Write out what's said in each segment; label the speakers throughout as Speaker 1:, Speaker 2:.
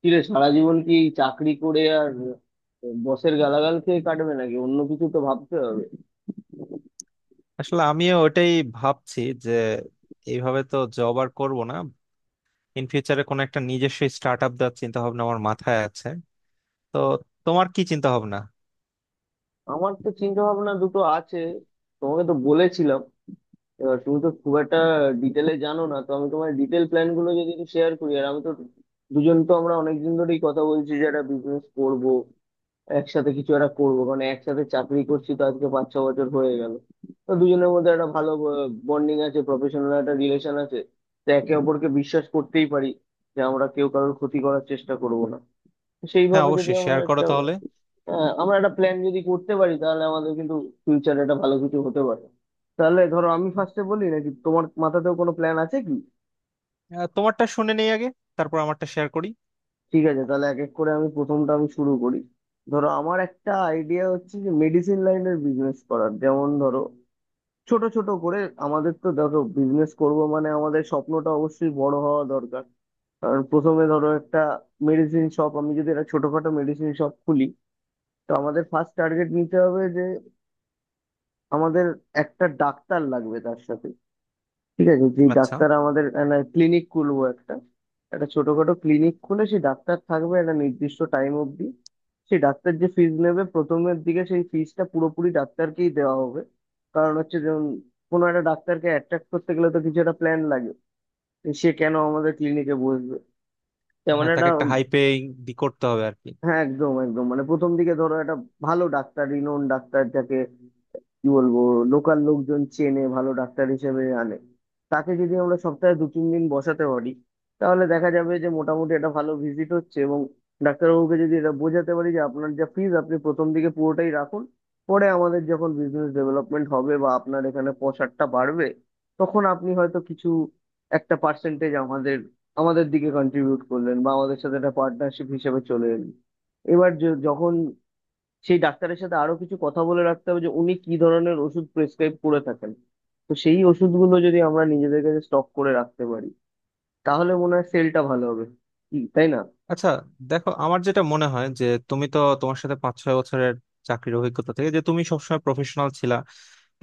Speaker 1: কি রে, সারা জীবন কি এই চাকরি করে আর বসের গালাগাল খেয়ে কাটবে, নাকি অন্য কিছু তো ভাবতে হবে।
Speaker 2: আসলে আমিও ওটাই ভাবছি যে এইভাবে তো জব আর করবো না। ইন ফিউচারে কোনো একটা নিজস্ব স্টার্ট আপ দেওয়ার চিন্তা ভাবনা আমার মাথায় আছে। তো তোমার কি চিন্তা ভাবনা?
Speaker 1: আমার তো চিন্তা ভাবনা দুটো আছে, তোমাকে তো বলেছিলাম। এবার তুমি তো খুব একটা ডিটেলে জানো না, তো আমি তোমার ডিটেল প্ল্যান গুলো যদি শেয়ার করি। আর আমি তো দুজন, তো আমরা অনেকদিন ধরেই কথা বলছি যে একটা বিজনেস করবো, একসাথে কিছু একটা করবো, কারণ একসাথে চাকরি করছি তো আজকে 5-6 বছর হয়ে গেল। তো দুজনের মধ্যে একটা ভালো বন্ডিং আছে, প্রফেশনাল একটা রিলেশন আছে। তো একে অপরকে বিশ্বাস করতেই পারি যে আমরা কেউ কারোর ক্ষতি করার চেষ্টা করব না। তো
Speaker 2: হ্যাঁ,
Speaker 1: সেইভাবে যদি
Speaker 2: অবশ্যই
Speaker 1: আমরা
Speaker 2: শেয়ার করো
Speaker 1: একটা
Speaker 2: তাহলে।
Speaker 1: আমরা একটা প্ল্যান যদি করতে পারি, তাহলে আমাদের কিন্তু ফিউচারে একটা ভালো কিছু হতে পারে। তাহলে ধরো, আমি ফার্স্টে বলি, নাকি তোমার মাথাতেও কোনো প্ল্যান আছে কি?
Speaker 2: তোমারটা শুনে নেই আগে, তারপর আমারটা শেয়ার করি।
Speaker 1: ঠিক আছে, তাহলে এক এক করে আমি প্রথমটা আমি শুরু করি। ধরো, আমার একটা আইডিয়া হচ্ছে যে মেডিসিন লাইনের বিজনেস করার। যেমন ধরো, ছোট ছোট করে আমাদের তো ধরো বিজনেস করব, মানে আমাদের স্বপ্নটা অবশ্যই বড় হওয়া দরকার। কারণ প্রথমে ধরো একটা মেডিসিন শপ, আমি যদি একটা ছোটখাটো মেডিসিন শপ খুলি, তো আমাদের ফার্স্ট টার্গেট নিতে হবে যে আমাদের একটা ডাক্তার লাগবে। তার সাথে ঠিক আছে, যে
Speaker 2: আচ্ছা।
Speaker 1: ডাক্তার আমাদের ক্লিনিক খুলবো একটা, একটা ছোটখাটো ক্লিনিক খুলে, সেই ডাক্তার থাকবে একটা নির্দিষ্ট টাইম অবধি। সেই ডাক্তার যে ফিজ নেবে প্রথমের দিকে, সেই ফিজটা পুরোপুরি ডাক্তারকেই দেওয়া হবে। কারণ হচ্ছে, যেমন কোনো একটা ডাক্তারকে অ্যাট্রাক্ট করতে গেলে তো কিছু একটা প্ল্যান লাগে যে সে কেন আমাদের ক্লিনিকে বসবে, তেমন
Speaker 2: হ্যাঁ, তাকে
Speaker 1: একটা।
Speaker 2: একটা হাই পেইং দি করতে হবে আর কি।
Speaker 1: হ্যাঁ, একদম একদম, মানে প্রথম দিকে ধরো একটা ভালো ডাক্তার, রিনোন ডাক্তার, যাকে কি বলবো, লোকাল লোকজন চেনে, ভালো ডাক্তার হিসেবে আনে, তাকে যদি আমরা সপ্তাহে 2-3 দিন বসাতে পারি, তাহলে দেখা যাবে যে মোটামুটি একটা ভালো ভিজিট হচ্ছে। এবং ডাক্তারবাবুকে যদি এটা বোঝাতে পারি যে আপনার যা ফিজ, আপনি প্রথম দিকে পুরোটাই রাখুন, পরে আমাদের যখন বিজনেস ডেভেলপমেন্ট হবে বা আপনার এখানে পসারটা বাড়বে, তখন আপনি হয়তো কিছু একটা পার্সেন্টেজ আমাদের আমাদের দিকে কন্ট্রিবিউট করলেন বা আমাদের সাথে একটা পার্টনারশিপ হিসেবে চলে এলেন। এবার যখন সেই ডাক্তারের সাথে আরো কিছু কথা বলে রাখতে হবে যে উনি কি ধরনের ওষুধ প্রেসক্রাইব করে থাকেন, তো সেই ওষুধগুলো যদি আমরা নিজেদের কাছে স্টক করে রাখতে পারি, তাহলে মনে হয় সেলটা ভালো হবে, কি তাই না?
Speaker 2: আচ্ছা, দেখো আমার যেটা মনে হয় যে তুমি তো, তোমার সাথে 5-6 বছরের চাকরির অভিজ্ঞতা থেকে যে তুমি সবসময় প্রফেশনাল ছিলা,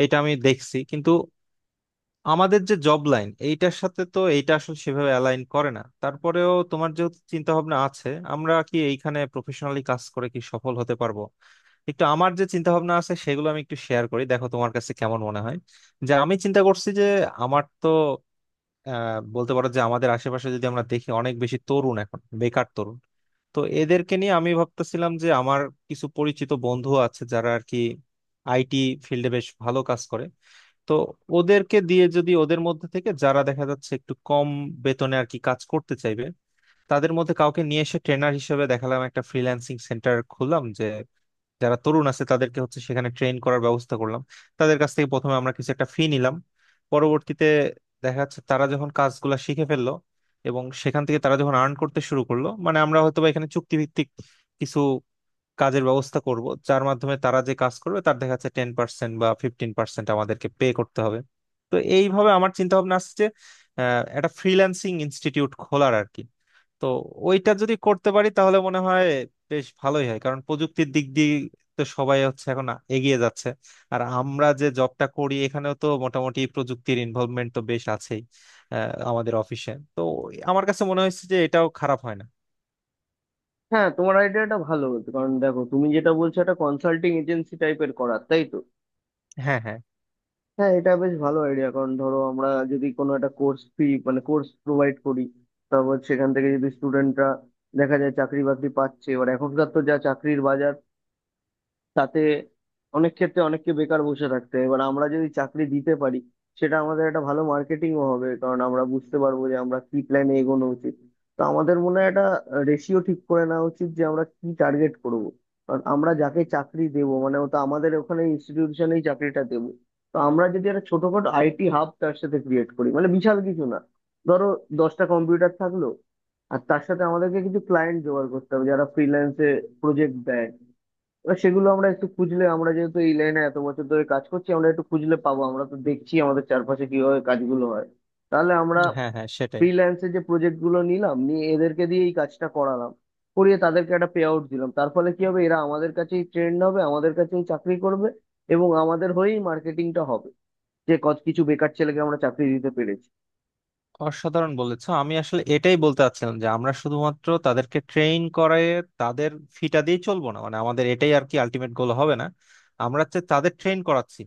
Speaker 2: এটা আমি দেখছি। কিন্তু আমাদের যে জব লাইন এইটার সাথে তো এইটা আসলে সেভাবে অ্যালাইন করে না, তারপরেও তোমার যেহেতু চিন্তা ভাবনা আছে আমরা কি এইখানে প্রফেশনালি কাজ করে কি সফল হতে পারবো, একটু আমার যে চিন্তা ভাবনা আছে সেগুলো আমি একটু শেয়ার করি, দেখো তোমার কাছে কেমন মনে হয়। যে আমি চিন্তা করছি যে আমার তো আহ, বলতে পারো যে আমাদের আশেপাশে যদি আমরা দেখি অনেক বেশি তরুণ এখন, বেকার তরুণ। তো এদেরকে নিয়ে আমি ভাবতেছিলাম যে আমার কিছু পরিচিত বন্ধু আছে যারা আর কি আইটি ফিল্ডে বেশ ভালো কাজ করে। তো ওদেরকে দিয়ে, যদি ওদের মধ্যে থেকে যারা দেখা যাচ্ছে একটু কম বেতনে আর কি কাজ করতে চাইবে তাদের মধ্যে কাউকে নিয়ে এসে ট্রেনার হিসেবে দেখালাম, একটা ফ্রিল্যান্সিং সেন্টার খুললাম যে যারা তরুণ আছে তাদেরকে হচ্ছে সেখানে ট্রেন করার ব্যবস্থা করলাম। তাদের কাছ থেকে প্রথমে আমরা কিছু একটা ফি নিলাম। পরবর্তীতে দেখা যাচ্ছে তারা যখন কাজগুলা শিখে ফেললো এবং সেখান থেকে তারা যখন আর্ন করতে শুরু করলো, মানে আমরা হয়তো বা এখানে চুক্তিভিত্তিক কিছু কাজের ব্যবস্থা করব, যার মাধ্যমে তারা যে কাজ করবে তার দেখা যাচ্ছে 10% বা 15% আমাদেরকে পে করতে হবে। তো এইভাবে আমার চিন্তা ভাবনা আসছে যে একটা ফ্রিল্যান্সিং ইনস্টিটিউট খোলার আর কি। তো ওইটা যদি করতে পারি তাহলে মনে হয় বেশ ভালোই হয়, কারণ প্রযুক্তির দিক দিয়ে তো সবাই হচ্ছে এখন এগিয়ে যাচ্ছে। আর আমরা যে জবটা করি এখানেও তো মোটামুটি প্রযুক্তির ইনভলভমেন্ট তো বেশ আছেই। আহ, আমাদের অফিসে তো আমার কাছে মনে হয়েছে যে এটাও খারাপ হয় না।
Speaker 1: হ্যাঁ, তোমার আইডিয়াটা ভালো বলতে, কারণ দেখো, তুমি যেটা বলছো একটা কনসাল্টিং এজেন্সি টাইপের করার, তাই তো।
Speaker 2: হ্যাঁ, হ্যাঁ।
Speaker 1: হ্যাঁ, এটা বেশ ভালো আইডিয়া। কারণ ধরো, আমরা যদি কোনো একটা কোর্স ফি, মানে কোর্স প্রোভাইড করি, তারপর সেখান থেকে যদি স্টুডেন্টরা দেখা যায় চাকরি বাকরি পাচ্ছে, এবার এখনকার তো যা চাকরির বাজার, তাতে অনেক ক্ষেত্রে অনেককে বেকার বসে থাকতে হয়। এবার আমরা যদি চাকরি দিতে পারি, সেটা আমাদের একটা ভালো মার্কেটিংও হবে। কারণ আমরা বুঝতে পারবো যে আমরা কি প্ল্যানে এগোনো উচিত। তো আমাদের মনে হয় একটা রেশিও ঠিক করে নেওয়া উচিত যে আমরা কি টার্গেট করব। কারণ আমরা যাকে চাকরি দেব, মানে ও তো আমাদের ওখানে ইনস্টিটিউশনেই চাকরিটা দেবো। তো আমরা যদি একটা ছোটখাটো আইটি হাব তার সাথে ক্রিয়েট করি, মানে বিশাল কিছু না, ধরো 10টা কম্পিউটার থাকলো, আর তার সাথে আমাদেরকে কিছু ক্লায়েন্ট জোগাড় করতে হবে যারা ফ্রিল্যান্সে প্রজেক্ট দেয়। এবার সেগুলো আমরা একটু খুঁজলে, আমরা যেহেতু এই লাইনে এত বছর ধরে কাজ করছি, আমরা একটু খুঁজলে পাবো। আমরা তো দেখছি আমাদের চারপাশে কিভাবে কাজগুলো হয়। তাহলে আমরা
Speaker 2: হ্যাঁ, হ্যাঁ, সেটাই।
Speaker 1: ফ্রিল্যান্সে যে প্রজেক্ট গুলো নিলাম, নিয়ে এদেরকে দিয়ে এই কাজটা করালাম, করিয়ে তাদেরকে একটা পে আউট দিলাম, তার ফলে কি হবে, এরা আমাদের কাছেই ট্রেন্ড হবে, আমাদের কাছেই চাকরি করবে, এবং আমাদের হয়েই মার্কেটিংটা হবে যে কত কিছু বেকার ছেলেকে আমরা চাকরি দিতে পেরেছি।
Speaker 2: অসাধারণ বলেছো। আমি আসলে এটাই বলতে চাচ্ছিলাম যে আমরা শুধুমাত্র তাদেরকে ট্রেন করে তাদের ফিটা দিয়ে চলবো না, মানে আমাদের এটাই আর কি আলটিমেট গোল হবে না। আমরা হচ্ছে তাদের ট্রেন করাচ্ছি,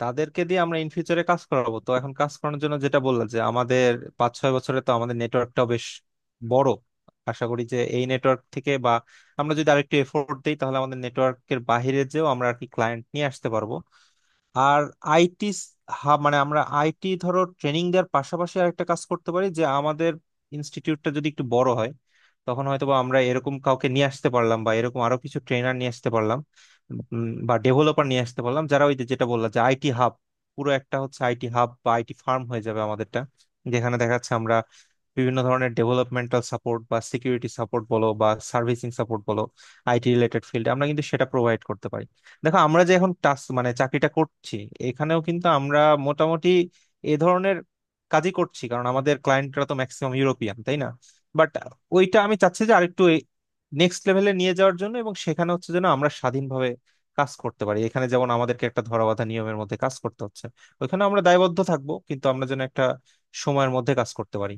Speaker 2: তাদেরকে দিয়ে আমরা ইন ফিউচারে কাজ করাবো। তো এখন কাজ করানোর জন্য, যেটা বললাম যে আমাদের 5-6 বছরে তো আমাদের নেটওয়ার্কটাও বেশ বড়, আশা করি যে এই নেটওয়ার্ক থেকে বা আমরা যদি আরেকটু এফোর্ট দিই তাহলে আমাদের নেটওয়ার্কের বাইরে যেও আমরা আর কি ক্লায়েন্ট নিয়ে আসতে পারবো। আর আইটি হাব, মানে আমরা আইটি ধরো ট্রেনিং দেওয়ার পাশাপাশি আরেকটা কাজ করতে পারি যে আমাদের ইনস্টিটিউটটা যদি একটু বড় হয় তখন হয়তো বা আমরা এরকম কাউকে নিয়ে আসতে পারলাম বা এরকম আরো কিছু ট্রেনার নিয়ে আসতে পারলাম, বা ডেভেলপার নিয়ে আসতে পারলাম, যারা ওই যে, যেটা বললাম যে আইটি হাব, পুরো একটা হচ্ছে আইটি হাব বা আইটি ফার্ম হয়ে যাবে আমাদেরটা। যেখানে দেখা যাচ্ছে আমরা বিভিন্ন ধরনের ডেভেলপমেন্টাল সাপোর্ট বা সিকিউরিটি সাপোর্ট বলো বা সার্ভিসিং সাপোর্ট বলো, আইটি রিলেটেড ফিল্ড, আমরা কিন্তু সেটা প্রোভাইড করতে পারি। দেখো আমরা যে এখন টাস্ক, মানে চাকরিটা করছি, এখানেও কিন্তু আমরা মোটামুটি এ ধরনের কাজই করছি, কারণ আমাদের ক্লায়েন্টরা তো ম্যাক্সিমাম ইউরোপিয়ান, তাই না? বাট ওইটা আমি চাচ্ছি যে আরেকটু নেক্সট লেভেলে নিয়ে যাওয়ার জন্য, এবং সেখানে হচ্ছে যেন আমরা স্বাধীনভাবে কাজ করতে পারি। এখানে যেমন আমাদেরকে একটা ধরাবাঁধা নিয়মের মধ্যে কাজ করতে হচ্ছে, ওইখানে আমরা দায়বদ্ধ থাকবো কিন্তু আমরা যেন একটা সময়ের মধ্যে কাজ করতে পারি।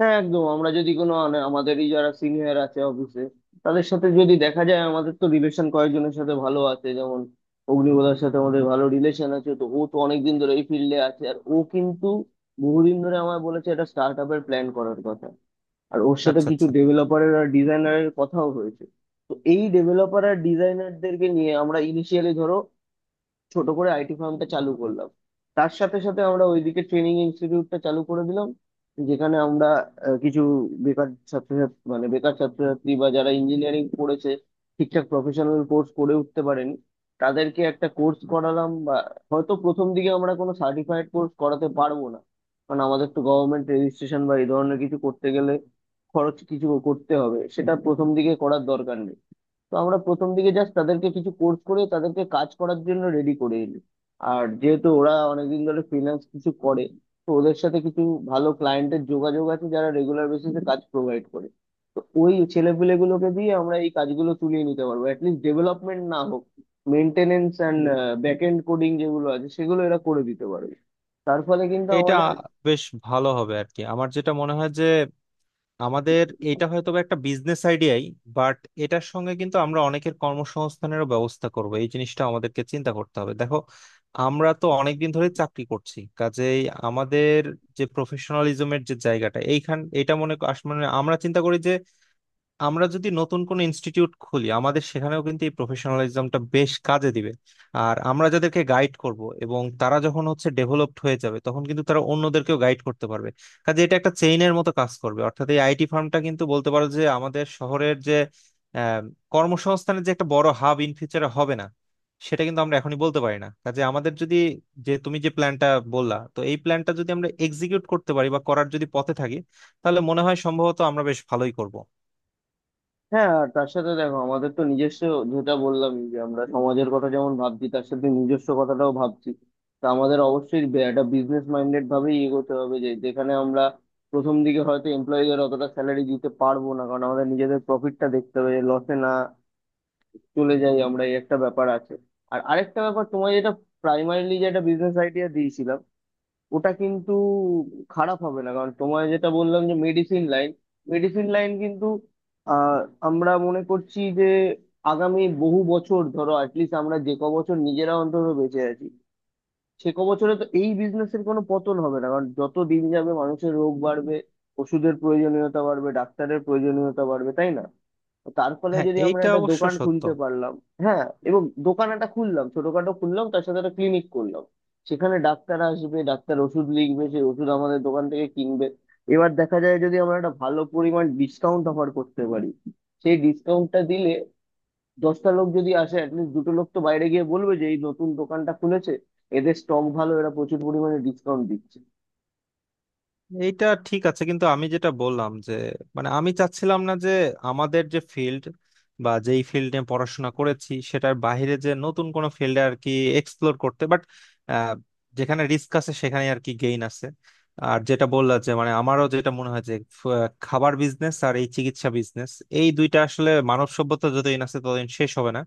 Speaker 1: হ্যাঁ একদম, আমরা যদি কোনো আমাদেরই যারা সিনিয়র আছে অফিসে, তাদের সাথে যদি দেখা যায়, আমাদের তো রিলেশন কয়েকজনের সাথে ভালো আছে, যেমন অগ্নিবোধার সাথে আমাদের ভালো রিলেশন আছে। তো ও তো অনেকদিন ধরে এই ফিল্ডে আছে, আর ও কিন্তু বহুদিন ধরে আমায় বলেছে একটা স্টার্ট আপের প্ল্যান করার কথা। আর ওর সাথে
Speaker 2: আচ্ছা,
Speaker 1: কিছু
Speaker 2: আচ্ছা।
Speaker 1: ডেভেলপারের আর ডিজাইনারের কথাও হয়েছে। তো এই ডেভেলপার আর ডিজাইনারদেরকে নিয়ে আমরা ইনিশিয়ালি, ধরো ছোট করে আইটি ফার্মটা চালু করলাম। তার সাথে সাথে আমরা ওইদিকে ট্রেনিং ইনস্টিটিউটটা চালু করে দিলাম, যেখানে আমরা কিছু বেকার ছাত্রছাত্রী, মানে বেকার ছাত্রছাত্রী বা যারা ইঞ্জিনিয়ারিং পড়েছে ঠিকঠাক প্রফেশনাল কোর্স করে উঠতে পারেনি, তাদেরকে একটা কোর্স করালাম। বা হয়তো প্রথম দিকে আমরা কোনো সার্টিফাইড কোর্স করাতে পারবো না, কারণ আমাদের তো গভর্নমেন্ট রেজিস্ট্রেশন বা এই ধরনের কিছু করতে গেলে খরচ কিছু করতে হবে, সেটা প্রথম দিকে করার দরকার নেই। তো আমরা প্রথম দিকে জাস্ট তাদেরকে কিছু কোর্স করে তাদেরকে কাজ করার জন্য রেডি করে এলি। আর যেহেতু ওরা অনেকদিন ধরে ফ্রিল্যান্স কিছু করে, তো ওদের সাথে কিছু ভালো ক্লায়েন্টের যোগাযোগ আছে, যারা রেগুলার বেসিসে কাজ প্রোভাইড করে। তো ওই ছেলেপিলেগুলোকে দিয়ে আমরা এই কাজগুলো তুলিয়ে নিতে পারবো। অ্যাটলিস্ট ডেভেলপমেন্ট না হোক, maintenance and back end coding যেগুলো আছে সেগুলো এরা করে দিতে পারবে। তার ফলে কিন্তু
Speaker 2: এটা
Speaker 1: আমাদের।
Speaker 2: বেশ ভালো হবে আর কি। আমার যেটা মনে হয় যে আমাদের এটা হয়তো বা একটা বিজনেস আইডিয়াই, বাট এটার সঙ্গে কিন্তু আমরা অনেকের কর্মসংস্থানেরও ব্যবস্থা করব, এই জিনিসটা আমাদেরকে চিন্তা করতে হবে। দেখো আমরা তো অনেকদিন ধরে চাকরি করছি, কাজেই আমাদের যে প্রফেশনালিজমের যে জায়গাটা এইখান, এটা মনে মানে আমরা চিন্তা করি যে আমরা যদি নতুন কোনো ইনস্টিটিউট খুলি আমাদের সেখানেও কিন্তু এই প্রফেশনালিজমটা বেশ কাজে দিবে। আর আমরা যাদেরকে গাইড করব এবং তারা যখন হচ্ছে ডেভেলপড হয়ে যাবে তখন কিন্তু তারা অন্যদেরকেও গাইড করতে পারবে। কাজে এটা একটা চেইনের মতো কাজ করবে, অর্থাৎ এই আইটি ফার্মটা কিন্তু বলতে পারো যে আমাদের শহরের যে আহ, কর্মসংস্থানের যে একটা বড় হাব ইন ফিউচারে হবে না, সেটা কিন্তু আমরা এখনই বলতে পারি না। কাজে আমাদের যদি, যে তুমি যে প্ল্যানটা বললা, তো এই প্ল্যানটা যদি আমরা এক্সিকিউট করতে পারি বা করার যদি পথে থাকি তাহলে মনে হয় সম্ভবত আমরা বেশ ভালোই করব।
Speaker 1: হ্যাঁ, আর তার সাথে দেখো, আমাদের তো নিজস্ব, যেটা বললাম যে আমরা সমাজের কথা যেমন ভাবছি, তার সাথে নিজস্ব কথাটাও ভাবছি। তা আমাদের অবশ্যই একটা বিজনেস মাইন্ডেড ভাবেই এগোতে হবে, যে যেখানে আমরা প্রথম দিকে হয়তো এমপ্লয়ীদের অতটা স্যালারি দিতে পারবো না, কারণ আমাদের নিজেদের প্রফিটটা দেখতে হবে যে লসে না চলে যাই আমরা, এই একটা ব্যাপার আছে। আর আরেকটা ব্যাপার, তোমায় যেটা প্রাইমারিলি যে একটা বিজনেস আইডিয়া দিয়েছিলাম, ওটা কিন্তু খারাপ হবে না। কারণ তোমায় যেটা বললাম যে মেডিসিন লাইন, মেডিসিন লাইন কিন্তু আহ, আমরা মনে করছি যে আগামী বহু বছর, ধরো অ্যাটলিস্ট আমরা যে ক বছর নিজেরা অন্তত বেঁচে আছি, সে ক বছরে তো এই বিজনেসের কোনো পতন হবে না। কারণ যত দিন যাবে মানুষের রোগ বাড়বে, ওষুধের প্রয়োজনীয়তা বাড়বে, ডাক্তারের প্রয়োজনীয়তা বাড়বে, তাই না? তো তার ফলে
Speaker 2: হ্যাঁ,
Speaker 1: যদি আমরা
Speaker 2: এইটা
Speaker 1: একটা
Speaker 2: অবশ্য
Speaker 1: দোকান
Speaker 2: সত্য।
Speaker 1: খুলতে পারলাম। হ্যাঁ, এবং দোকান একটা খুললাম, ছোটখাটো খুললাম, তার সাথে একটা ক্লিনিক করলাম। সেখানে ডাক্তার আসবে, ডাক্তার ওষুধ লিখবে, সেই ওষুধ আমাদের দোকান থেকে কিনবে। এবার দেখা যায় যদি আমরা একটা ভালো পরিমাণ ডিসকাউন্ট অফার করতে পারি, সেই ডিসকাউন্টটা দিলে, 10টা লোক যদি আসে, অ্যাটলিস্ট 2টো লোক তো বাইরে গিয়ে বলবে যে এই নতুন দোকানটা খুলেছে, এদের স্টক ভালো, এরা প্রচুর পরিমাণে ডিসকাউন্ট দিচ্ছে।
Speaker 2: এইটা ঠিক আছে, কিন্তু আমি যেটা বললাম যে মানে আমি চাচ্ছিলাম না যে আমাদের যে ফিল্ড বা যেই ফিল্ড নিয়ে পড়াশোনা করেছি সেটার বাইরে যে নতুন কোনো ফিল্ডে আর কি এক্সপ্লোর করতে। বাট যেখানে রিস্ক আছে সেখানে আর কি গেইন আছে। আর যেটা বললা যে, মানে আমারও যেটা মনে হয় যে খাবার বিজনেস আর এই চিকিৎসা বিজনেস, এই দুইটা আসলে মানব সভ্যতা যতদিন আছে ততদিন শেষ হবে না।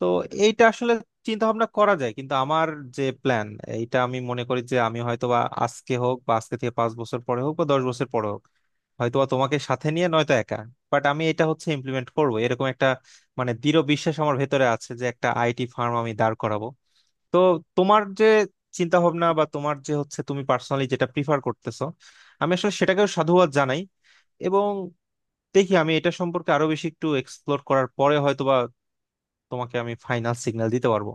Speaker 2: তো এইটা আসলে চিন্তা ভাবনা করা যায়, কিন্তু আমার যে প্ল্যান, এইটা আমি মনে করি যে আমি হয়তো বা আজকে হোক বা আজকে থেকে 5 বছর পরে হোক বা 10 বছর পরে হোক, হয়তো বা তোমাকে সাথে নিয়ে নয়তো একা, বাট আমি এটা হচ্ছে ইমপ্লিমেন্ট করব, এরকম একটা মানে দৃঢ় বিশ্বাস আমার ভেতরে আছে যে একটা আইটি ফার্ম আমি দাঁড় করাবো। তো তোমার যে চিন্তা ভাবনা বা তোমার যে হচ্ছে তুমি পার্সোনালি যেটা প্রিফার করতেছো, আমি আসলে সেটাকেও সাধুবাদ জানাই। এবং দেখি আমি এটা সম্পর্কে আরো বেশি একটু এক্সপ্লোর করার পরে হয়তোবা তোমাকে আমি ফাইনাল সিগন্যাল দিতে পারবো।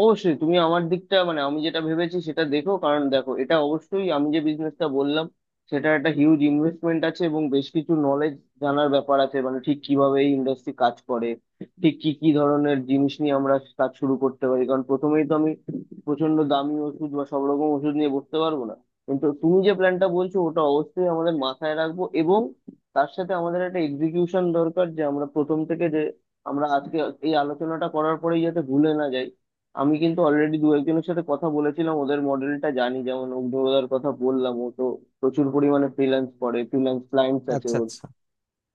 Speaker 1: অবশ্যই তুমি আমার দিকটা, মানে আমি যেটা ভেবেছি সেটা দেখো। কারণ দেখো, এটা অবশ্যই, আমি যে বিজনেসটা বললাম, সেটা একটা হিউজ ইনভেস্টমেন্ট আছে, এবং বেশ কিছু নলেজ জানার ব্যাপার আছে, মানে ঠিক কিভাবে এই ইন্ডাস্ট্রি কাজ করে, ঠিক কি কি ধরনের জিনিস নিয়ে আমরা কাজ শুরু করতে পারি। কারণ প্রথমেই তো আমি প্রচন্ড দামি ওষুধ বা সব রকম ওষুধ নিয়ে বসতে পারবো না। কিন্তু তুমি যে প্ল্যানটা বলছো, ওটা অবশ্যই আমাদের মাথায় রাখবো। এবং তার সাথে আমাদের একটা এক্সিকিউশন দরকার, যে আমরা প্রথম থেকে যে, আমরা আজকে এই আলোচনাটা করার পরেই যাতে ভুলে না যাই। আমি কিন্তু অলরেডি 1-2 জনের সাথে কথা বলেছিলাম, ওদের মডেলটা জানি, যেমন অগ্নিদার কথা বললাম, ও তো প্রচুর পরিমাণে ফ্রিল্যান্স করে, ফ্রিল্যান্স ক্লায়েন্টস আছে
Speaker 2: আচ্ছা,
Speaker 1: ওর।
Speaker 2: আচ্ছা।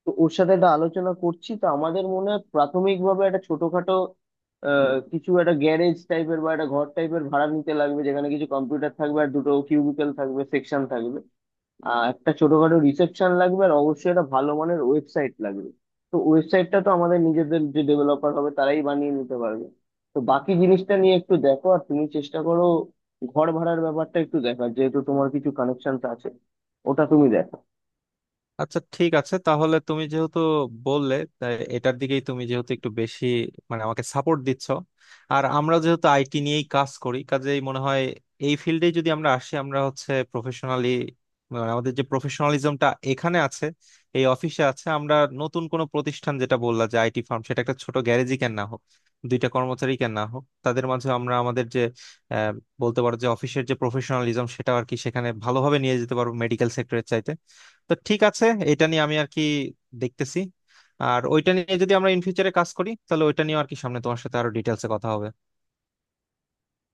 Speaker 1: তো ওর সাথে একটা আলোচনা করছি। তো আমাদের মনে হয় প্রাথমিকভাবে একটা ছোটখাটো কিছু একটা গ্যারেজ টাইপের বা একটা ঘর টাইপের ভাড়া নিতে লাগবে, যেখানে কিছু কম্পিউটার থাকবে, আর 2টো কিউবিকল থাকবে, সেকশন থাকবে, একটা ছোটখাটো রিসেপশন লাগবে, আর অবশ্যই একটা ভালো মানের ওয়েবসাইট লাগবে। তো ওয়েবসাইটটা তো আমাদের নিজেদের যে ডেভেলপার হবে, তারাই বানিয়ে নিতে পারবে। তো বাকি জিনিসটা নিয়ে একটু দেখো। আর তুমি চেষ্টা করো ঘর ভাড়ার ব্যাপারটা একটু দেখার, যেহেতু তোমার কিছু কানেকশন আছে, ওটা তুমি দেখো।
Speaker 2: আচ্ছা, ঠিক আছে তাহলে তুমি যেহেতু বললে, তাই এটার দিকেই তুমি যেহেতু একটু বেশি মানে আমাকে সাপোর্ট দিচ্ছ, আর আমরা যেহেতু আইটি নিয়েই কাজ করি কাজেই মনে হয় এই ফিল্ডে যদি আমরা আসি আমরা হচ্ছে প্রফেশনালি, আমাদের যে প্রফেশনালিজমটা এখানে আছে, এই অফিসে আছে, আমরা নতুন কোনো প্রতিষ্ঠান, যেটা বললা যে আইটি ফার্ম, সেটা একটা ছোট গ্যারেজই কেন না হোক, দুইটা কর্মচারী কেন না হোক, তাদের মাঝে আমরা আমাদের যে আহ, বলতে পারো যে অফিসের যে প্রফেশনালিজম সেটা আর কি সেখানে ভালোভাবে নিয়ে যেতে পারবো মেডিকেল সেক্টরের চাইতে। তো ঠিক আছে, এটা নিয়ে আমি আর কি দেখতেছি। আর ওইটা নিয়ে যদি আমরা ইন ফিউচারে কাজ করি তাহলে ওইটা নিয়ে আর কি সামনে তোমার সাথে আরো ডিটেলসে কথা হবে।